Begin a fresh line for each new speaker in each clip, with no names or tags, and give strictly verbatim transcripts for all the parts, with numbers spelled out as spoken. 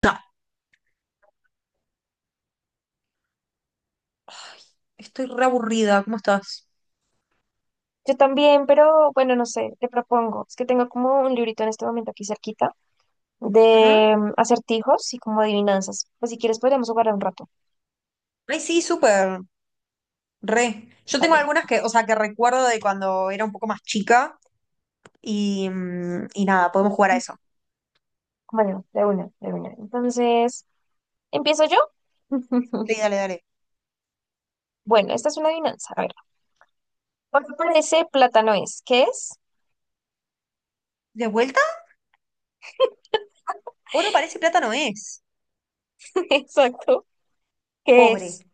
Ta- Estoy re aburrida, ¿cómo estás?
Yo también, pero bueno, no sé, te propongo. Es que tengo como un librito en este momento aquí cerquita
Ujú.
de mm, acertijos y como adivinanzas. Pues si quieres podríamos jugar un rato.
Ay, sí, súper, re. Yo tengo
Vale.
algunas que, o sea, que recuerdo de cuando era un poco más chica y, mm, y nada, podemos jugar a eso.
Bueno, de una, de una. Entonces, ¿empiezo yo?
Sí, dale, dale.
Bueno, esta es una adivinanza. A ver, ¿por qué parece plátano es? ¿Qué es?
¿De vuelta? Oro parece y plata no es.
Exacto. ¿Qué
Cobre,
es?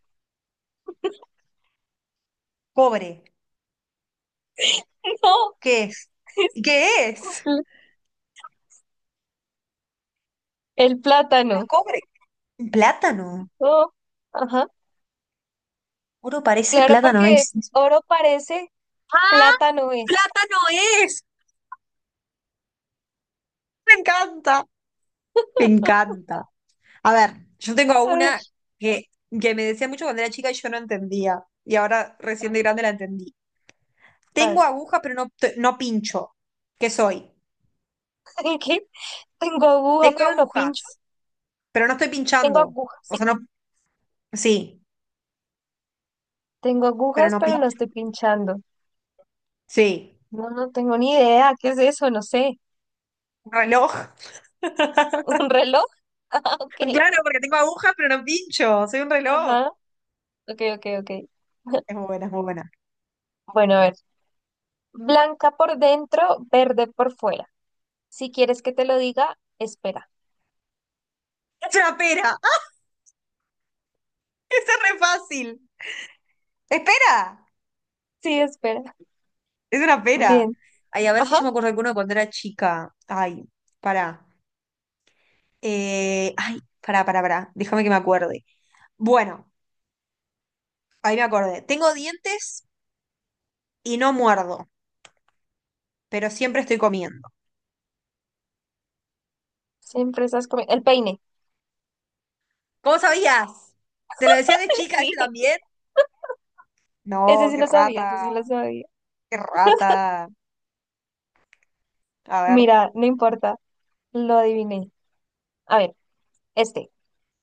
cobre.
No,
¿Qué es?
es
¿Qué es?
pl- el
No es
plátano.
cobre. Un plátano.
Oh, ajá.
Oro parece,
Claro,
plátano
porque
es.
es oro parece,
¡Ah!
plátano es.
¡Plátano es! Me encanta. Me encanta. A ver, yo tengo
A ver,
una que, que me decía mucho cuando era chica y yo no entendía. Y ahora recién de grande la entendí.
a
Tengo
ver,
agujas, pero no, t- no pincho. ¿Qué soy?
¿qué? Tengo aguja,
Tengo
pero no pincho.
agujas, pero no estoy
Tengo
pinchando. O
agujas.
sea, no. Sí,
Tengo
pero
agujas,
no
pero no
pincho.
estoy pinchando.
Sí.
No, no tengo ni idea. ¿Qué es eso? No sé.
Un reloj.
¿Un reloj? Ah, ok.
Claro, porque tengo agujas, pero no pincho. Soy un reloj.
Ajá. Ok, ok, ok.
Es muy buena, es muy buena.
Bueno, a ver. Blanca por dentro, verde por fuera. Si quieres que te lo diga, espera.
Es una pera. ¡Ah! Esa es re fácil. Espera.
Sí, espera.
Es una pera.
Bien.
Ay, a ver si
Ajá.
yo me acuerdo de alguno cuando era chica. Ay, pará. Eh, ay, pará, pará, pará. Déjame que me acuerde. Bueno, ahí me acordé. Tengo dientes y no muerdo, pero siempre estoy comiendo.
Siempre estás comiendo. El peine.
¿Cómo sabías? ¿Te lo decía de chica ese
Sí.
también? No,
Ese sí
qué
lo sabía, ese
rata,
sí lo sabía.
qué rata. A ver,
Mira, no importa. Lo adiviné. A ver, este.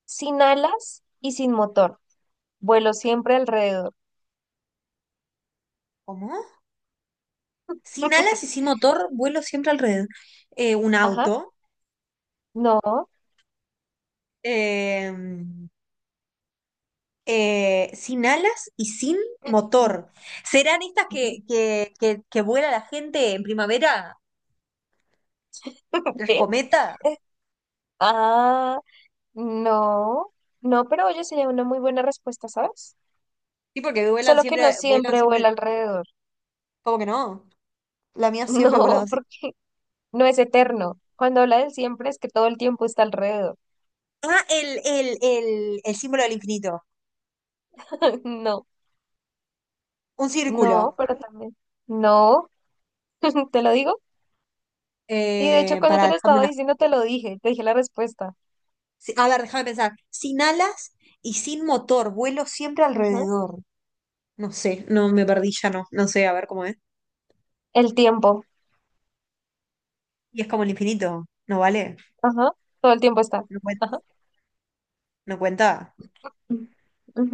Sin alas y sin motor. Vuelo siempre alrededor.
¿cómo? Sin alas y sin motor, vuelo siempre alrededor. Eh, un
Ajá,
auto.
no.
Eh, eh, sin alas y sin motor. ¿Serán estas
Ujú.
que, que, que, que vuela la gente en primavera? ¿Las
¿Qué?
cometas?
Ah, no. No, pero oye, sería una muy buena respuesta, ¿sabes?
Sí, porque vuelan
Solo que no
siempre, vuelan
siempre
siempre.
vuela alrededor.
¿Cómo que no? La mía siempre ha volado
No,
así.
porque no es eterno. Cuando habla del siempre es que todo el tiempo está alrededor.
Ah, el, el, el, el símbolo del infinito.
No,
Un círculo.
no, pero también. No, te lo digo. Y de hecho,
Eh,
cuando
para
te lo
dejarme
estaba
una.
diciendo, te lo dije, te dije la respuesta.
Sí, a ver, déjame pensar. Sin alas y sin motor. Vuelo siempre
Ajá.
alrededor. No sé, no me perdí ya, no. No sé, a ver cómo es.
El tiempo.
Y es como el infinito. ¿No vale?
Ajá. Todo el tiempo está.
No cuen-
Ajá.
no cuenta.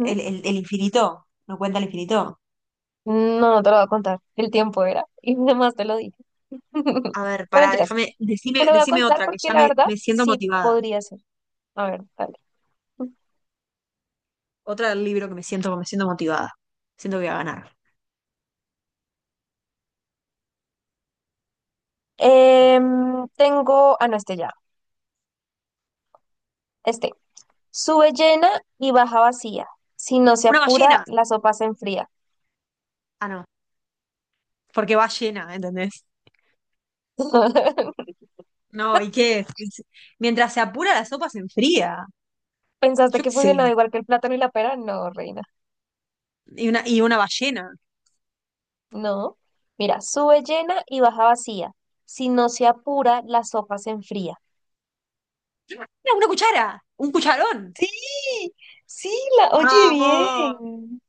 El, el- el infinito, no cuenta el infinito.
No, no te lo voy a contar. El tiempo era. Y además te lo dije.
A ver,
No
pará,
mentiras.
déjame, decime,
Te lo voy a
decime
contar
otra, que
porque
ya
la
me,
verdad
me siento
sí
motivada.
podría ser. A ver, dale.
Otra del libro que me siento, me siento motivada. Siento que voy a ganar. A ver.
Em, tengo. Ah, no, este ya. Este. Sube llena y baja vacía. Si no se
Una
apura,
ballena.
la sopa se enfría.
Ah, no, porque va llena, ¿entendés? No, ¿y qué? Es- Mientras se apura la sopa se enfría.
¿Pensaste
Yo qué
que funcionaba
sé.
igual que el plátano y la pera? No, reina.
Y una, y una ballena.
No. Mira, sube llena y baja vacía. Si no se apura, la sopa se enfría.
Mira, una cuchara, un cucharón.
Sí, sí, la oye
Vamos.
bien.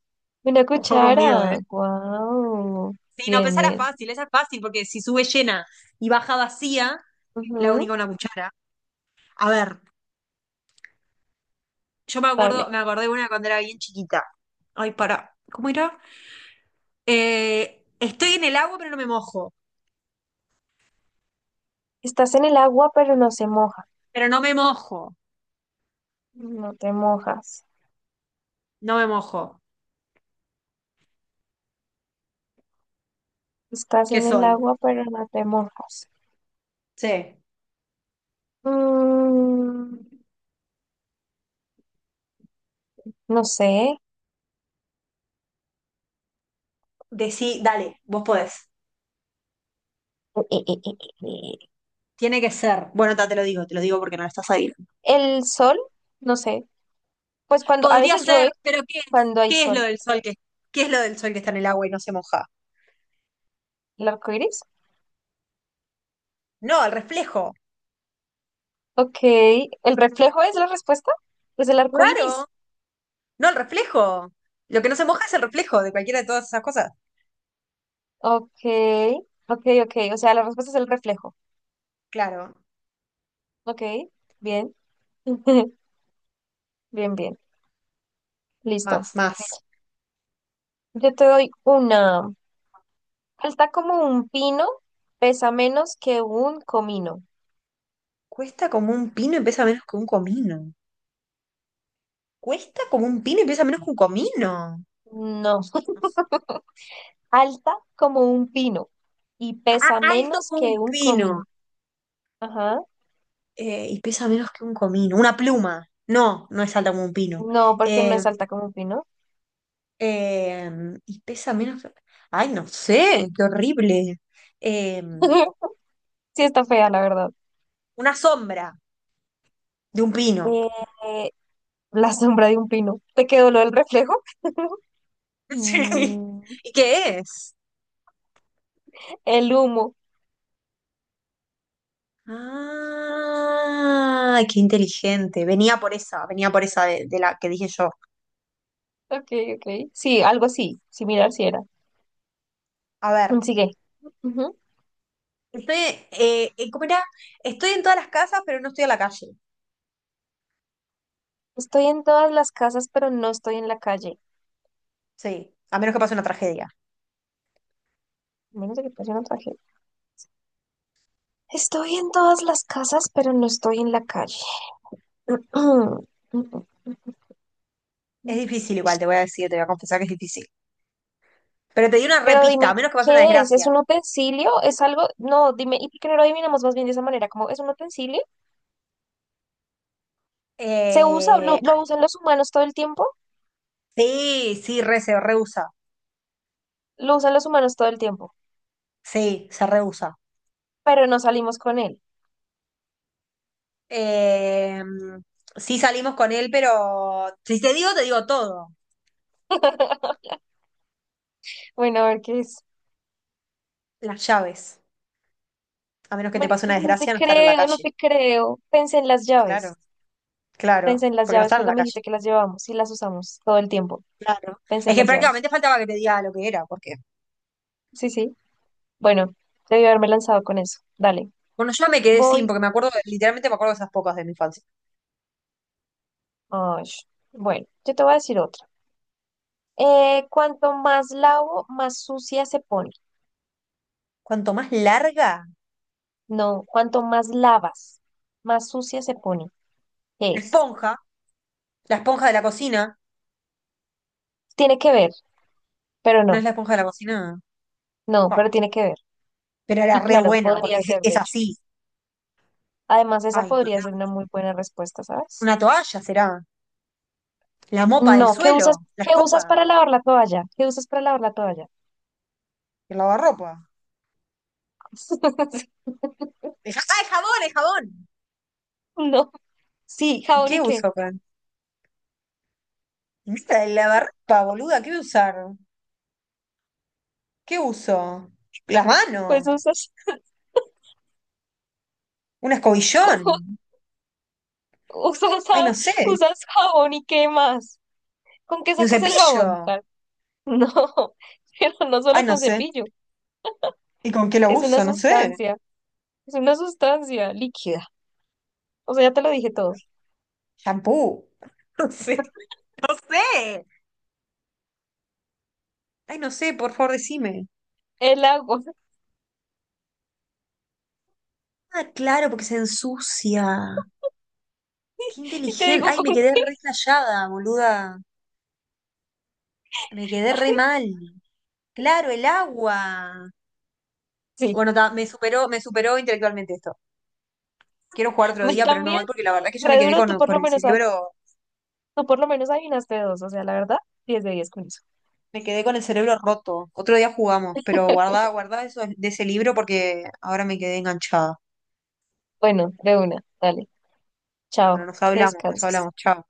Una
Ojo conmigo, ¿eh?
cuchara. Wow.
Sí, no,
Bien,
pensar era
bien.
fácil, esa es fácil, porque si sube llena y baja vacía, la
Ujú.
única una cuchara. A ver, yo me acuerdo,
Vale.
me acordé de una cuando era bien chiquita. Ay, para, ¿cómo era? Eh, estoy en el agua, pero no me mojo.
Estás en el agua, pero no se moja.
Pero no me mojo.
No te mojas.
No me mojo.
Estás
¿Qué
en el
soy?
agua, pero no te mojas.
Sí.
Mm, no sé.
Decí, dale, vos podés. Tiene que ser. Bueno, ta, te lo digo, te lo digo porque no lo estás ahí.
El sol, no sé. Pues cuando a
Podría
veces llueve,
ser, pero ¿qué es?
cuando hay
¿Qué es lo
sol.
del sol que, qué es lo del sol que está en el agua y no se moja?
El arco iris.
No, el reflejo.
Ok. ¿El reflejo es la respuesta? Pues el arco
Claro.
iris.
No, el reflejo. Lo que no se moja es el reflejo de cualquiera de todas esas cosas.
Ok. Ok, ok. O sea, la respuesta es el reflejo.
Claro.
Ok. Bien. Bien, bien. Listo.
Más, más.
Yo te doy una. Alta como un pino, pesa menos que un comino.
Cuesta como un pino y pesa menos que un comino. Cuesta como un pino y pesa menos que un comino.
No.
No sé.
Alta como un pino y
Ah,
pesa
alto
menos
como
que
un
un
pino.
comino. Ajá.
Eh, y pesa menos que un comino. Una pluma. No, no es alta como un pino.
No, porque no
Eh,
es alta como un pino.
eh, y pesa menos que... Ay, no sé, qué horrible. Eh,
Sí está fea, la verdad.
una sombra de un pino.
Eh, la sombra de un pino. ¿Te quedó lo del reflejo?
Sí.
Mm,
¿Y qué es?
el humo.
Ah, qué inteligente. Venía por esa, venía por esa de de la que dije yo.
Ok, ok. Sí, algo así. Similar si era.
A ver.
Sigue. Ujú.
Estoy, eh, eh, ¿cómo era? Estoy en todas las casas, pero no estoy a la calle.
Estoy en todas las casas, pero no estoy en la calle.
Sí, a menos que pase una tragedia.
A menos de que pase una tragedia. Estoy en todas las casas, pero no estoy en la calle.
Es difícil igual, te voy a decir, te voy a confesar que es difícil. Pero te di una
Pero
repista, a
dime,
menos que pase una
¿qué es? ¿Es
desgracia.
un utensilio? ¿Es algo? No, dime, ¿y por qué no lo adivinamos más bien de esa manera? Como, ¿es un utensilio? ¿Se usa? ¿Lo,
Eh, ah,
lo usan los humanos todo el tiempo?
sí, sí, re, se rehúsa.
Lo usan los humanos todo el tiempo,
Sí, se rehúsa.
pero no salimos con él.
Eh, sí salimos con él, pero si te digo, te digo todo.
Bueno, a ver qué es.
Las llaves. A menos que te
Mari-
pase una
Ay, no te
desgracia, no están en la
creo, no
calle.
te creo. Pensé en las
Claro,
llaves.
claro,
Pensé en las
porque no
llaves
están en
cuando
la
me dijiste
calle.
que las llevábamos y las usamos todo el tiempo.
Claro.
Pensé
Es
en
que
las llaves.
prácticamente faltaba que te diga lo que era, porque
Sí, sí. Bueno, debí haberme lanzado con eso. Dale.
bueno, yo me quedé sin, porque
Voy.
me acuerdo, literalmente me acuerdo de esas pocas de mi infancia.
Ay, bueno, yo te voy a decir otra. Eh, cuanto más lavo, más sucia se pone.
Cuanto más larga,
No, cuanto más lavas, más sucia se pone. ¿Qué
la
es?
esponja, la esponja de la cocina,
Tiene que ver, pero
no es
no.
la esponja de la cocina,
No, pero
pa,
tiene que ver.
pero era
Y
re
claro,
buena, porque
podría
es,
ser,
es
de hecho.
así.
Además, esa
Ay,
podría
pará.
ser una muy buena respuesta, ¿sabes?
Una toalla será, la mopa del
No, ¿qué usas,
suelo, la
qué usas
escoba,
para lavar la toalla? ¿Qué usas para lavar la toalla?
el lavarropa. El ja- ah, el jabón, el jabón.
No, sí,
¿Y
jabón
qué
y qué.
uso, Fran? Nada, el lavarropa, boluda, ¿qué voy a usar? ¿Qué uso? Las
Pues
manos,
usas,
un escobillón,
usas,
ay,
ja-
no sé,
usas jabón y qué más. ¿Con qué
y un
sacas el jabón?
cepillo,
Ah, no, pero no
ay,
solo
no
con
sé.
cepillo.
¿Y con qué lo
Es una
uso? No sé.
sustancia, es una sustancia líquida. O sea, ya te lo dije todo.
Shampoo. No sé. No sé. Ay, no sé, por favor, decime.
El agua.
Ah, claro, porque se ensucia. Qué
Y te
inteligente.
digo
Ay,
con
me quedé
qué.
re callada, boluda. Me quedé re
Ay,
mal. Claro, el agua.
sí,
Bueno, ta, me superó, me superó intelectualmente esto. Quiero jugar
a
otro
mí
día, pero no,
también.
hoy, porque la verdad que yo me
Re
quedé
duro, tú
con,
por
con
lo
el
menos, a-
cerebro,
tú por lo menos adivinaste dos. O sea, la verdad, diez de diez con eso.
me quedé con el cerebro roto. Otro día jugamos, pero guardá, guardá eso de ese libro porque ahora me quedé enganchada.
Bueno, de una, dale.
Bueno,
Chao,
nos
que
hablamos, nos
descanses.
hablamos, chao.